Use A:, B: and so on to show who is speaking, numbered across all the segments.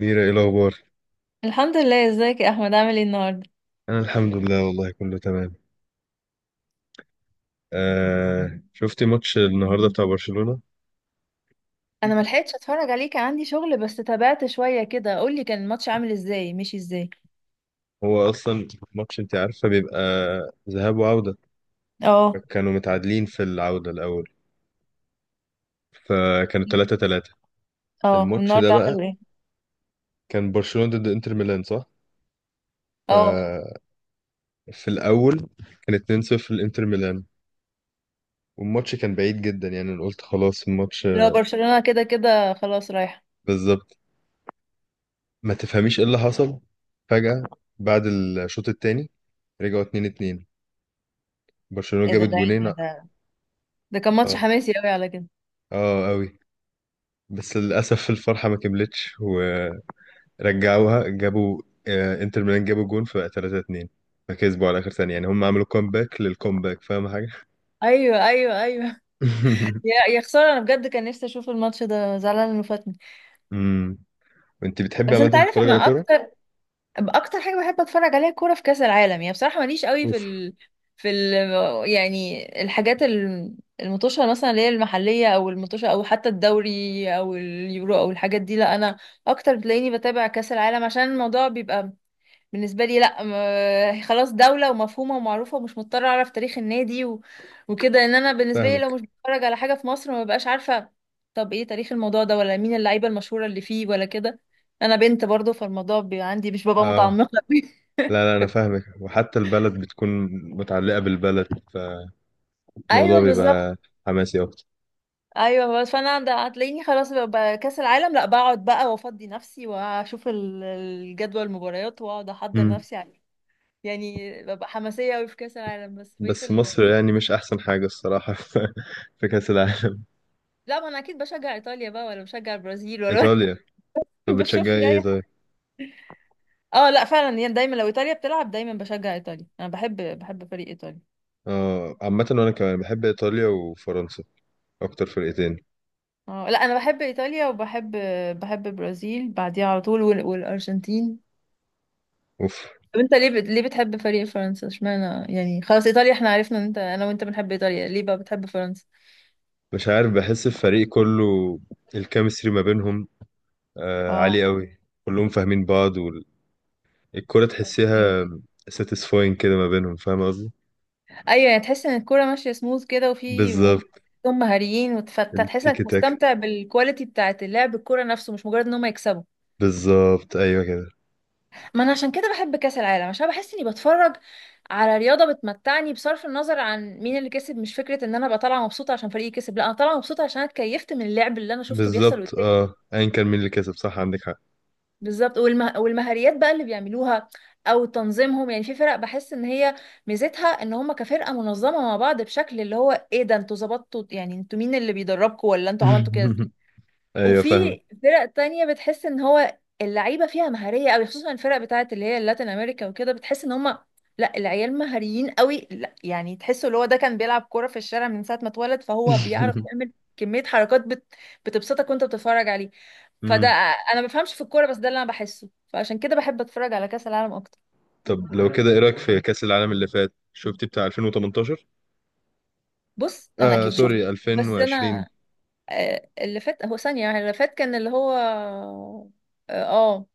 A: ميرا، ايه الاخبار؟
B: الحمد لله، ازيك يا احمد؟ عامل ايه النهارده؟
A: انا الحمد لله والله كله تمام. آه، شفتي ماتش النهارده بتاع برشلونة؟
B: انا ما لحقتش اتفرج عليه، كان عندي شغل بس تابعت شويه كده. قول لي، كان الماتش عامل ازاي؟ مشي ازاي؟
A: هو اصلا ماتش انت عارفه بيبقى ذهاب وعودة.
B: اه.
A: كانوا متعادلين في العودة الاول فكانوا 3-3.
B: اه،
A: الماتش ده
B: والنهارده
A: بقى
B: عملوا ايه؟
A: كان برشلونة ضد انتر ميلان، صح؟
B: اه،
A: ففي الاول كان 2-0 لانتر ميلان والماتش كان بعيد جدا، يعني انا قلت خلاص الماتش.
B: لو برشلونه كده كده خلاص رايحه.
A: بالظبط. ما تفهميش ايه اللي حصل، فجأة بعد الشوط الثاني رجعوا 2-2، برشلونة
B: ايه ده
A: جابت
B: ده
A: جونين.
B: يعني؟ ده ده كان ماتش
A: اه،
B: حماسي قوي على كده.
A: اه قوي. بس للاسف الفرحه ما كملتش ورجعوها. جابوا، انتر ميلان جابوا جون فبقى 3-2. فكسبوا على اخر ثانيه، يعني هم عملوا كومباك للكومباك، فاهم حاجه؟
B: ايوه، ايوه، ايوه. يا خساره، انا بجد كان نفسي اشوف الماتش ده، زعلانه انه فاتني.
A: امم انت بتحبي
B: بس
A: عامه
B: انت عارف،
A: تتفرج على
B: انا
A: كوره؟
B: اكتر حاجه بحب اتفرج عليها كوره في كاس العالم، يعني بصراحه ماليش قوي
A: اوف.
B: في ال... يعني الحاجات المطوشه مثلا، اللي هي المحليه او المطوشه او حتى الدوري او اليورو او الحاجات دي. لا انا اكتر بتلاقيني بتابع كاس العالم عشان الموضوع بيبقى بالنسبة لي، لا، خلاص دولة ومفهومة ومعروفة، ومش مضطرة أعرف تاريخ النادي وكده. إن أنا بالنسبة لي لو
A: فاهمك.
B: مش بتفرج على حاجة في مصر ما ببقاش عارفة. طب إيه تاريخ الموضوع ده، ولا مين اللعيبة المشهورة اللي فيه، ولا كده؟ أنا بنت برضو، فالموضوع بيبقى عندي مش ببقى
A: اه،
B: متعمقة أوي.
A: لا لا، انا فاهمك وحتى البلد بتكون متعلقه بالبلد، فالموضوع
B: أيوه بالظبط.
A: بيبقى حماسي اكتر.
B: أيوه، بس فأنا هتلاقيني خلاص ببقى كأس العالم، لا بقعد بقى وأفضي نفسي وأشوف الجدول المباريات، وأقعد أحضر
A: امم
B: نفسي عليه. يعني ببقى حماسية أوي في كأس العالم، بس بقيت.
A: بس مصر يعني مش احسن حاجه الصراحه في كاس العالم.
B: لا ما انا اكيد بشجع ايطاليا بقى، ولا بشجع البرازيل، ولا
A: ايطاليا. طب
B: بشوف
A: بتشجعي
B: لي
A: ايه
B: اي حاجه.
A: طيب؟
B: اه، لا فعلا يعني دايما لو ايطاليا بتلعب دايما بشجع ايطاليا. انا بحب فريق ايطاليا.
A: آه، عامة وأنا كمان بحب إيطاليا وفرنسا، أكتر فرقتين.
B: اه، لا انا بحب ايطاليا، وبحب البرازيل بعديها على طول والارجنتين.
A: أوف.
B: طب انت ليه بتحب فريق فرنسا؟ اشمعنى يعني؟ خلاص ايطاليا احنا عرفنا ان انت، انا وانت بنحب ايطاليا، ليه بقى بتحب فرنسا؟
A: مش عارف، بحس الفريق كله الكيمستري ما بينهم
B: اه.
A: عالي أوي. كلهم فاهمين بعض والكرة
B: أوكي.
A: تحسيها ساتيسفاين كده ما بينهم، فاهم قصدي؟
B: ايوه، يعني تحس ان الكوره ماشيه سموث كده
A: بالظبط.
B: هم مهاريين، وتحس
A: التيكي
B: انك
A: تاكا.
B: مستمتع بالكواليتي بتاعت اللعب، الكوره نفسه، مش مجرد ان هم يكسبوا.
A: بالظبط، أيوه كده.
B: ما انا عشان كده بحب كاس العالم، عشان بحس اني بتفرج على رياضه بتمتعني بصرف النظر عن مين اللي كسب، مش فكره ان انا ابقى طالعه مبسوطه عشان فريقي كسب، لا انا طالعه مبسوطه عشان أنا اتكيفت من اللعب اللي انا شفته بيحصل
A: بالظبط،
B: قدامي.
A: أه، أيا كان مين اللي كسب، صح عندك حق.
B: بالظبط. والمهاريات بقى اللي بيعملوها، او تنظيمهم. يعني في فرق بحس ان هي ميزتها ان هم كفرقه منظمه مع بعض، بشكل اللي هو ايه ده؟ انتوا ظبطتوا يعني؟ انتوا مين اللي بيدربكوا ولا انتوا عملتوا كده؟
A: أيوه فاهمك.
B: وفي فرق تانية بتحس ان هو اللعيبة فيها مهارية قوي، خصوصا الفرق بتاعت اللي هي اللاتين امريكا وكده، بتحس ان هم، لا، العيال مهاريين قوي. لا يعني، تحسوا اللي هو ده كان بيلعب كورة في الشارع من ساعة ما اتولد، فهو بيعرف يعمل كمية حركات بتبسطك وانت بتتفرج عليه. فده،
A: مم.
B: انا ما بفهمش في الكورة، بس ده اللي انا بحسه، فعشان كده بحب اتفرج على كأس العالم اكتر.
A: طب لو كده إيه رأيك في كأس العالم اللي فات؟ شفتي بتاع 2018؟
B: بص انا
A: آه،
B: اكيد شفت،
A: سوري،
B: بس
A: 2020.
B: انا اللي فات هو ثانية يعني، اللي فات كان اللي هو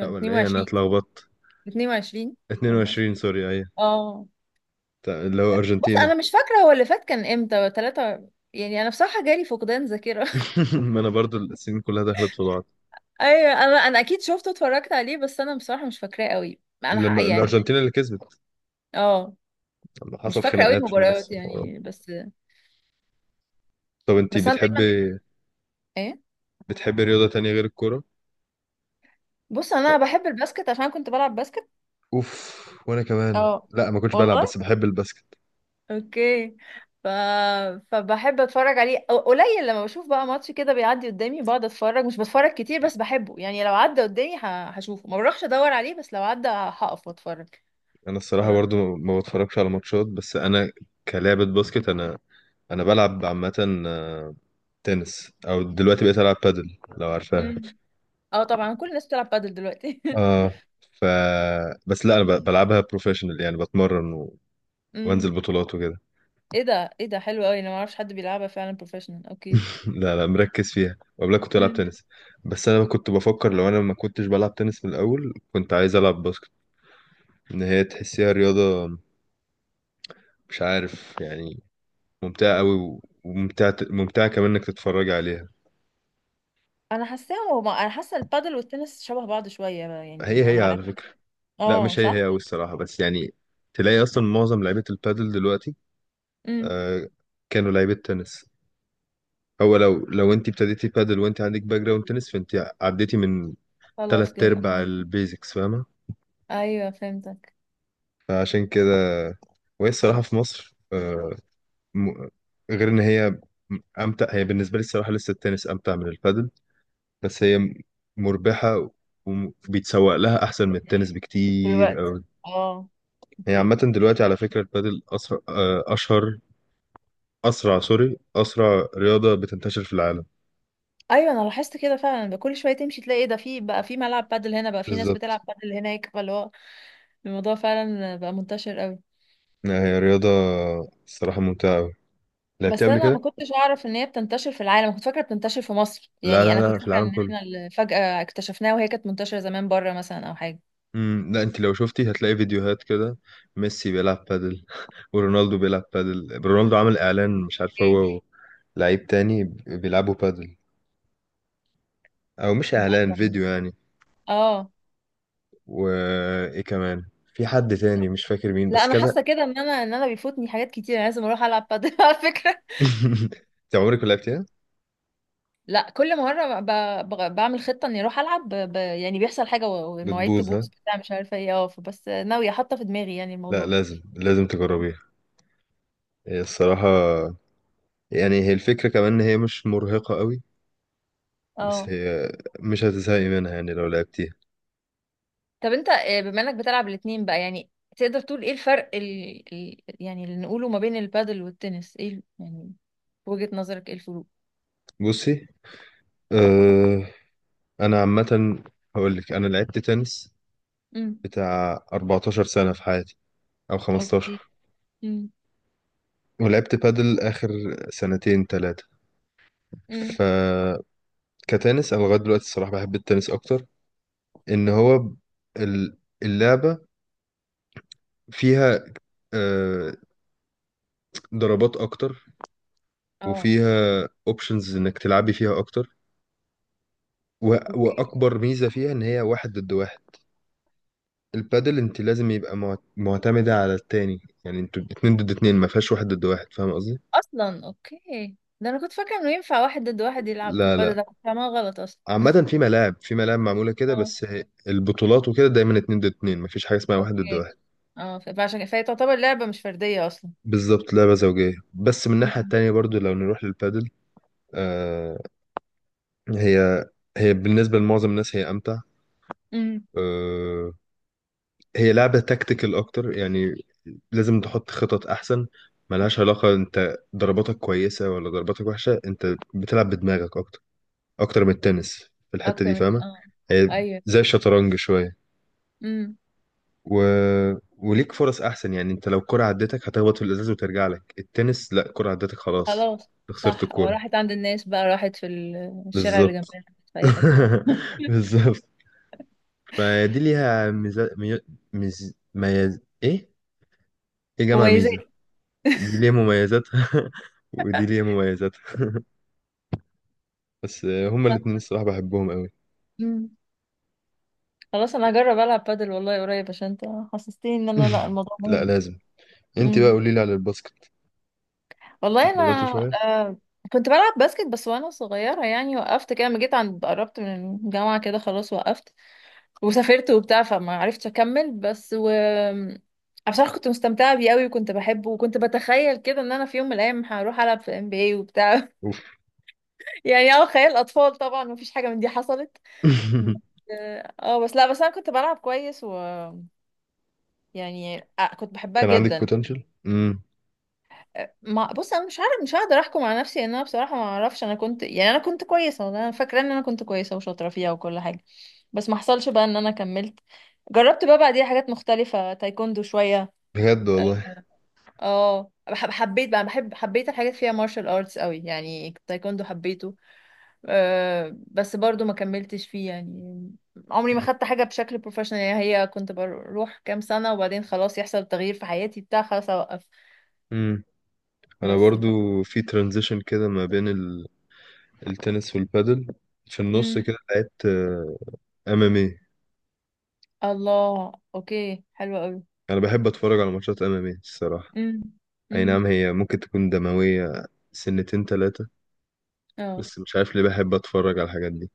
A: لا، ولا ايه، انا
B: 22.
A: اتلخبطت.
B: 22.
A: 22،
B: 24.
A: سوري، ايوه.
B: اه.
A: اللي هو
B: بص
A: ارجنتينا.
B: انا مش فاكره هو اللي فات كان امتى، ثلاثة يعني، انا بصراحه جالي فقدان ذاكره.
A: ما انا برضو السنين كلها دخلت في بعض.
B: ايوه، انا اكيد شفته، اتفرجت عليه، بس انا بصراحه مش فاكراه قوي. انا
A: لما
B: يعني
A: الارجنتينا اللي كسبت،
B: اه
A: لما
B: مش
A: حصل
B: فاكره قوي
A: خناقات في النص
B: المباريات
A: الحوارات.
B: يعني، بس
A: طب انتي
B: بس انا
A: بتحبي
B: دايما، ايه.
A: بتحبي رياضة تانية غير الكورة؟
B: بص انا بحب الباسكت عشان كنت بلعب باسكت.
A: اوف، وانا كمان،
B: اه.
A: لا ما كنتش بلعب
B: والله.
A: بس بحب الباسكت.
B: اوكي. ف... فبحب اتفرج عليه، قليل لما بشوف بقى ماتش كده بيعدي قدامي بقعد اتفرج. مش بتفرج كتير بس بحبه، يعني لو عدى قدامي هشوفه، ما بروحش ادور عليه، بس لو عدى هقف واتفرج.
A: انا
B: ف...
A: الصراحة برضو ما بتفرجش على ماتشات، بس انا كلعبة باسكت، انا بلعب عامة تنس او دلوقتي بقيت العب بادل، لو عارفاها.
B: مم. اه، طبعا كل الناس بتلعب بادل دلوقتي.
A: اه. ف بس لا، انا بلعبها بروفيشنال، يعني بتمرن و... وانزل
B: امم.
A: بطولات وكده.
B: ايه ده حلو قوي، انا ما اعرفش حد بيلعبها فعلا بروفيشنال. اوكي.
A: لا لا، مركز فيها، وقبلها كنت بلعب
B: امم.
A: تنس. بس انا كنت بفكر لو انا ما كنتش بلعب تنس من الاول كنت عايز العب باسكت، ان هي تحسيها رياضة، مش عارف يعني، ممتعة قوي و- وممتعة، ممتعة كمان انك تتفرج عليها.
B: انا حاساهم هما- انا حاسه البادل والتنس شبه بعض شويه بقى، يعني
A: هي هي
B: انا ما
A: على
B: لعبت.
A: فكرة. لا
B: اه
A: مش هي هي
B: صح.
A: قوي الصراحة، بس يعني تلاقي اصلا معظم لعيبة البادل دلوقتي
B: امم.
A: آه كانوا لعيبة تنس. هو لو انت ابتديتي بادل وانت عندك باك جراوند تنس، فانت عديتي من
B: خلاص
A: تلات
B: كده.
A: ارباع
B: اه.
A: البيزكس، فاهمه؟
B: ايوه فهمتك.
A: فعشان كده، وهي الصراحه في مصر، م- غير ان هي امتع. هي بالنسبه لي الصراحه لسه التنس امتع من البادل، بس هي مربحه وبيتسوق لها احسن من التنس بكتير
B: دلوقتي.
A: أوي.
B: اه.
A: هي
B: اوكي.
A: عامه دلوقتي على فكره البادل اسرع آه، اشهر اسرع سوري اسرع رياضه بتنتشر في العالم.
B: ايوه، انا لاحظت كده فعلا بقى، كل شويه تمشي تلاقي إيه ده، في بقى في ملعب بادل هنا، بقى في ناس
A: بالظبط.
B: بتلعب بادل هناك، فاللي هو الموضوع فعلا بقى منتشر قوي.
A: لا، هي رياضه الصراحه ممتعه أوي، لعبتها
B: بس
A: قبل
B: انا ما
A: كده.
B: كنتش اعرف ان هي بتنتشر في العالم، كنت فاكره بتنتشر في مصر.
A: لا
B: يعني
A: لا
B: انا كنت
A: لا، في
B: فاكره
A: العالم
B: ان
A: كله.
B: احنا اللي فجاه اكتشفناها، وهي كانت منتشره زمان بره مثلا او حاجه.
A: لا، انت لو شفتي هتلاقي فيديوهات كده، ميسي بيلعب بادل ورونالدو بيلعب بادل. رونالدو عمل اعلان، مش عارف
B: ايه
A: هو لعيب تاني بيلعبوا بادل، او مش
B: ده.
A: اعلان، فيديو يعني.
B: اه،
A: وايه كمان، في حد تاني مش فاكر مين،
B: لا
A: بس
B: انا
A: كذا.
B: حاسه كده ان انا، ان انا بيفوتني حاجات كتير، انا لازم اروح العب بادل على فكره.
A: انت عمرك ما لعبتيها؟
B: لا كل مرة بعمل خطة اني اروح العب يعني بيحصل حاجة والمواعيد
A: بتبوظ ها.
B: تبوظ بتاع، مش عارفة ايه. اه، بس ناوية، حاطة في دماغي يعني
A: لا
B: الموضوع.
A: لازم، لازم تجربيها. هي الصراحة، يعني هي الفكرة كمان ان هي مش مرهقة قوي، بس
B: اه.
A: هي مش هتزهقي منها يعني لو لعبتيها.
B: طب انت، بما انك بتلعب الاتنين بقى، يعني تقدر تقول ايه الفرق يعني اللي نقوله ما بين البادل والتنس؟ ايه يعني في وجهة نظرك ايه الفروق؟
A: بصي، آه، انا عامه هقول لك، انا لعبت تنس
B: امم.
A: بتاع 14 سنه في حياتي، او
B: اوكي.
A: 15،
B: امم.
A: ولعبت بادل اخر سنتين ثلاثه.
B: امم.
A: ف كتنس انا لغايه دلوقتي الصراحه بحب التنس اكتر. ان هو ال- اللعبه فيها آه، ضربات اكتر،
B: اه.
A: وفيها اوبشنز انك تلعبي فيها اكتر، و-
B: اوكي.
A: واكبر ميزه فيها ان هي واحد ضد واحد. البادل انت لازم يبقى معتمده على التاني، يعني انتوا اتنين ضد اتنين، ما فيهاش واحد ضد واحد، فاهم قصدي؟
B: اصلا. اوكي. ده انا كنت فاكره انه ينفع واحد ضد واحد يلعب في
A: لا
B: البادل،
A: لا،
B: ده كنت فاهمها غلط اصلا.
A: عامة في ملاعب، في ملاعب معمولة كده،
B: اه.
A: بس البطولات وكده دايما اتنين ضد اتنين، مفيش حاجة اسمها واحد ضد
B: اوكي.
A: واحد.
B: اه. فهي تعتبر لعبة مش فردية اصلا.
A: بالظبط، لعبة زوجية. بس من الناحية
B: امم.
A: التانية برضو لو نروح للبادل، آه هي هي بالنسبة لمعظم الناس هي أمتع.
B: امم.
A: آه هي لعبة تكتيكال أكتر، يعني لازم تحط خطط أحسن. ملهاش علاقة أنت ضرباتك كويسة ولا ضرباتك وحشة، أنت بتلعب بدماغك أكتر، أكتر من التنس في الحتة
B: اكتر
A: دي،
B: من
A: فاهمة؟
B: اه.
A: هي
B: ايوه.
A: زي الشطرنج شوية،
B: امم.
A: و... وليك فرص احسن. يعني انت لو كرة عدتك هتخبط في الازاز وترجع لك، التنس لا، كرة عدتك خلاص
B: خلاص
A: خسرت
B: صح. اه،
A: الكرة.
B: راحت عند الناس بقى، راحت في الشارع اللي
A: بالظبط.
B: جنبنا، راحت في اي حتة. اه.
A: بالظبط. فدي ليها ميزة مي... ميز... ميز... ايه ايه جامعة
B: مميزات.
A: ميزة. دي ليها مميزاتها، ودي ليها مميزاتها، بس هما
B: صح.
A: الاتنين الصراحة بحبهم قوي.
B: امم. خلاص انا هجرب العب بادل والله قريب، عشان انت حسستني ان انا لا الموضوع
A: لا
B: مهم.
A: لازم. انت بقى
B: امم.
A: قولي لي على الباسكت،
B: والله انا
A: اتمرنت شوية؟
B: آه كنت بلعب باسكت بس وانا صغيرة يعني، وقفت كده لما جيت عند، قربت من الجامعة كده خلاص وقفت. وسافرت وبتاع، فما عرفتش اكمل، بس عشان كنت مستمتعه بيه قوي وكنت بحبه، وكنت بتخيل كده ان انا في يوم من الايام هروح العب في ام بي اي وبتاع.
A: اوف.
B: يعني اه، خيال اطفال طبعا، مفيش حاجه من دي حصلت. بس- اه بس، لا بس انا كنت بلعب كويس، و يعني كنت بحبها
A: كان عندك
B: جدا.
A: بوتنشال. امم.
B: ما بص انا مش عارف، مش هقدر احكم على نفسي ان انا بصراحه ما اعرفش. انا كنت، يعني انا كنت كويسه، والله انا فاكره ان انا كنت كويسه وشاطره فيها وكل حاجه. بس ما حصلش بقى ان انا كملت. جربت بقى بعديها حاجات مختلفه، تايكوندو شويه.
A: بجد والله.
B: اه، حبيت بقى، حبيت الحاجات فيها مارشال ارتس قوي، يعني تايكوندو حبيته. بس برضو ما كملتش فيه يعني، عمري ما خدت حاجة بشكل بروفيشنال. يعني هي كنت بروح كام سنة وبعدين خلاص يحصل تغيير في حياتي بتاع، خلاص اوقف.
A: مم. انا
B: بس
A: برضو في ترانزيشن كده ما بين التنس والبادل، في النص
B: مم.
A: كده لعبت ام ام اي.
B: الله. اوكي حلوة قوي.
A: انا بحب اتفرج على ماتشات ام ام اي الصراحه.
B: مم.
A: اي نعم
B: مم.
A: هي ممكن تكون دمويه، سنتين ثلاثه،
B: اه،
A: بس مش عارف ليه بحب اتفرج على الحاجات دي.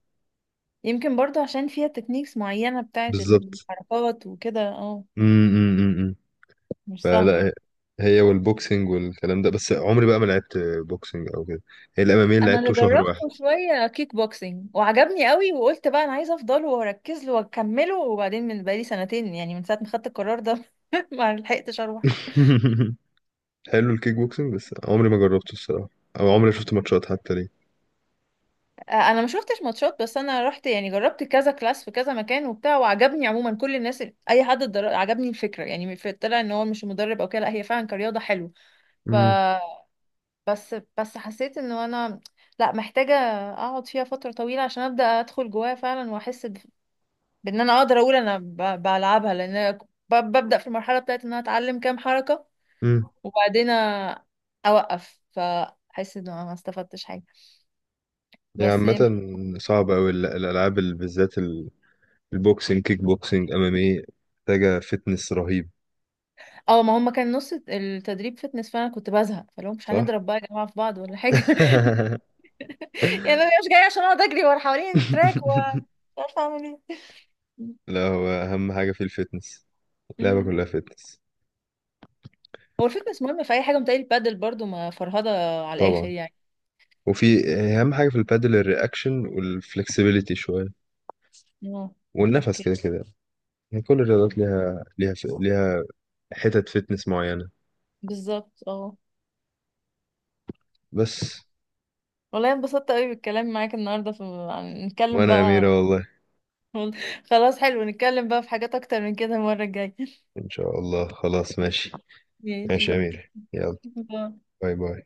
B: يمكن برضو عشان فيها تكنيكس معينة بتاعت
A: بالظبط.
B: الحركات وكده. اه،
A: امم
B: مش
A: فلا،
B: سهلة.
A: هي هي والبوكسنج والكلام ده، بس عمري بقى ما لعبت بوكسنج او كده. هي الام ام اي اللي
B: انا اللي
A: لعبته شهر واحد.
B: جربته شويه كيك بوكسينج وعجبني قوي، وقلت بقى انا عايزه افضله واركز له واكمله، وبعدين من بقالي سنتين، يعني من ساعه ما خدت القرار ده ما لحقتش اروح.
A: حلو الكيك بوكسنج، بس عمري ما جربته الصراحه، او عمري شفت ماتشات حتى ليه.
B: انا ما شفتش ماتشات، بس انا رحت يعني جربت كذا كلاس في كذا مكان وبتاع، وعجبني عموما كل الناس اي حد عجبني الفكره يعني، طلع ان هو مش مدرب او كده، لا هي فعلا كرياضه حلو. ف بس حسيت انه انا، لا محتاجه اقعد فيها فتره طويله عشان ابدا ادخل جواها فعلا، واحس بان انا اقدر اقول انا بلعبها. لان أنا ببدا في المرحله بتاعت ان انا اتعلم كام حركه،
A: مم.
B: وبعدين اوقف فاحس ان انا ما استفدتش حاجه.
A: هي
B: بس
A: عامة
B: يمكن.
A: صعبة أوي الألعاب، بالذات البوكسينج، كيك بوكسينج، أمام إيه، محتاجة فتنس رهيب.
B: اه، ما هم كان نص التدريب فتنس فانا كنت بزهق، فلو مش
A: صح؟
B: هنضرب بقى يا جماعه في بعض ولا حاجه يعني انا مش جايه عشان اقعد اجري ورا حوالين التراك ومش عارفه اعمل ايه.
A: لا، هو أهم حاجة في الفتنس، اللعبة
B: أمم.
A: كلها فتنس.
B: هو الفتنس مهم في اي حاجه، متهيألي البادل برضو ما فرهضه على الاخر
A: طبعا.
B: يعني.
A: وفي أهم حاجة في البادل الرياكشن والفلكسبيليتي شوية،
B: اه.
A: والنفس
B: اوكي.
A: كده كده. يعني كل الرياضات ليها حتت فتنس معينة.
B: بالظبط. اه،
A: بس.
B: والله انبسطت قوي بالكلام معاك النهارده في نتكلم
A: وأنا يا
B: بقى.
A: أميرة والله.
B: خلاص حلو، نتكلم بقى في حاجات اكتر من كده المره الجايه.
A: إن شاء الله، خلاص ماشي.
B: ماشي.
A: ماشي يا أميرة، يلا.
B: باي.
A: باي باي.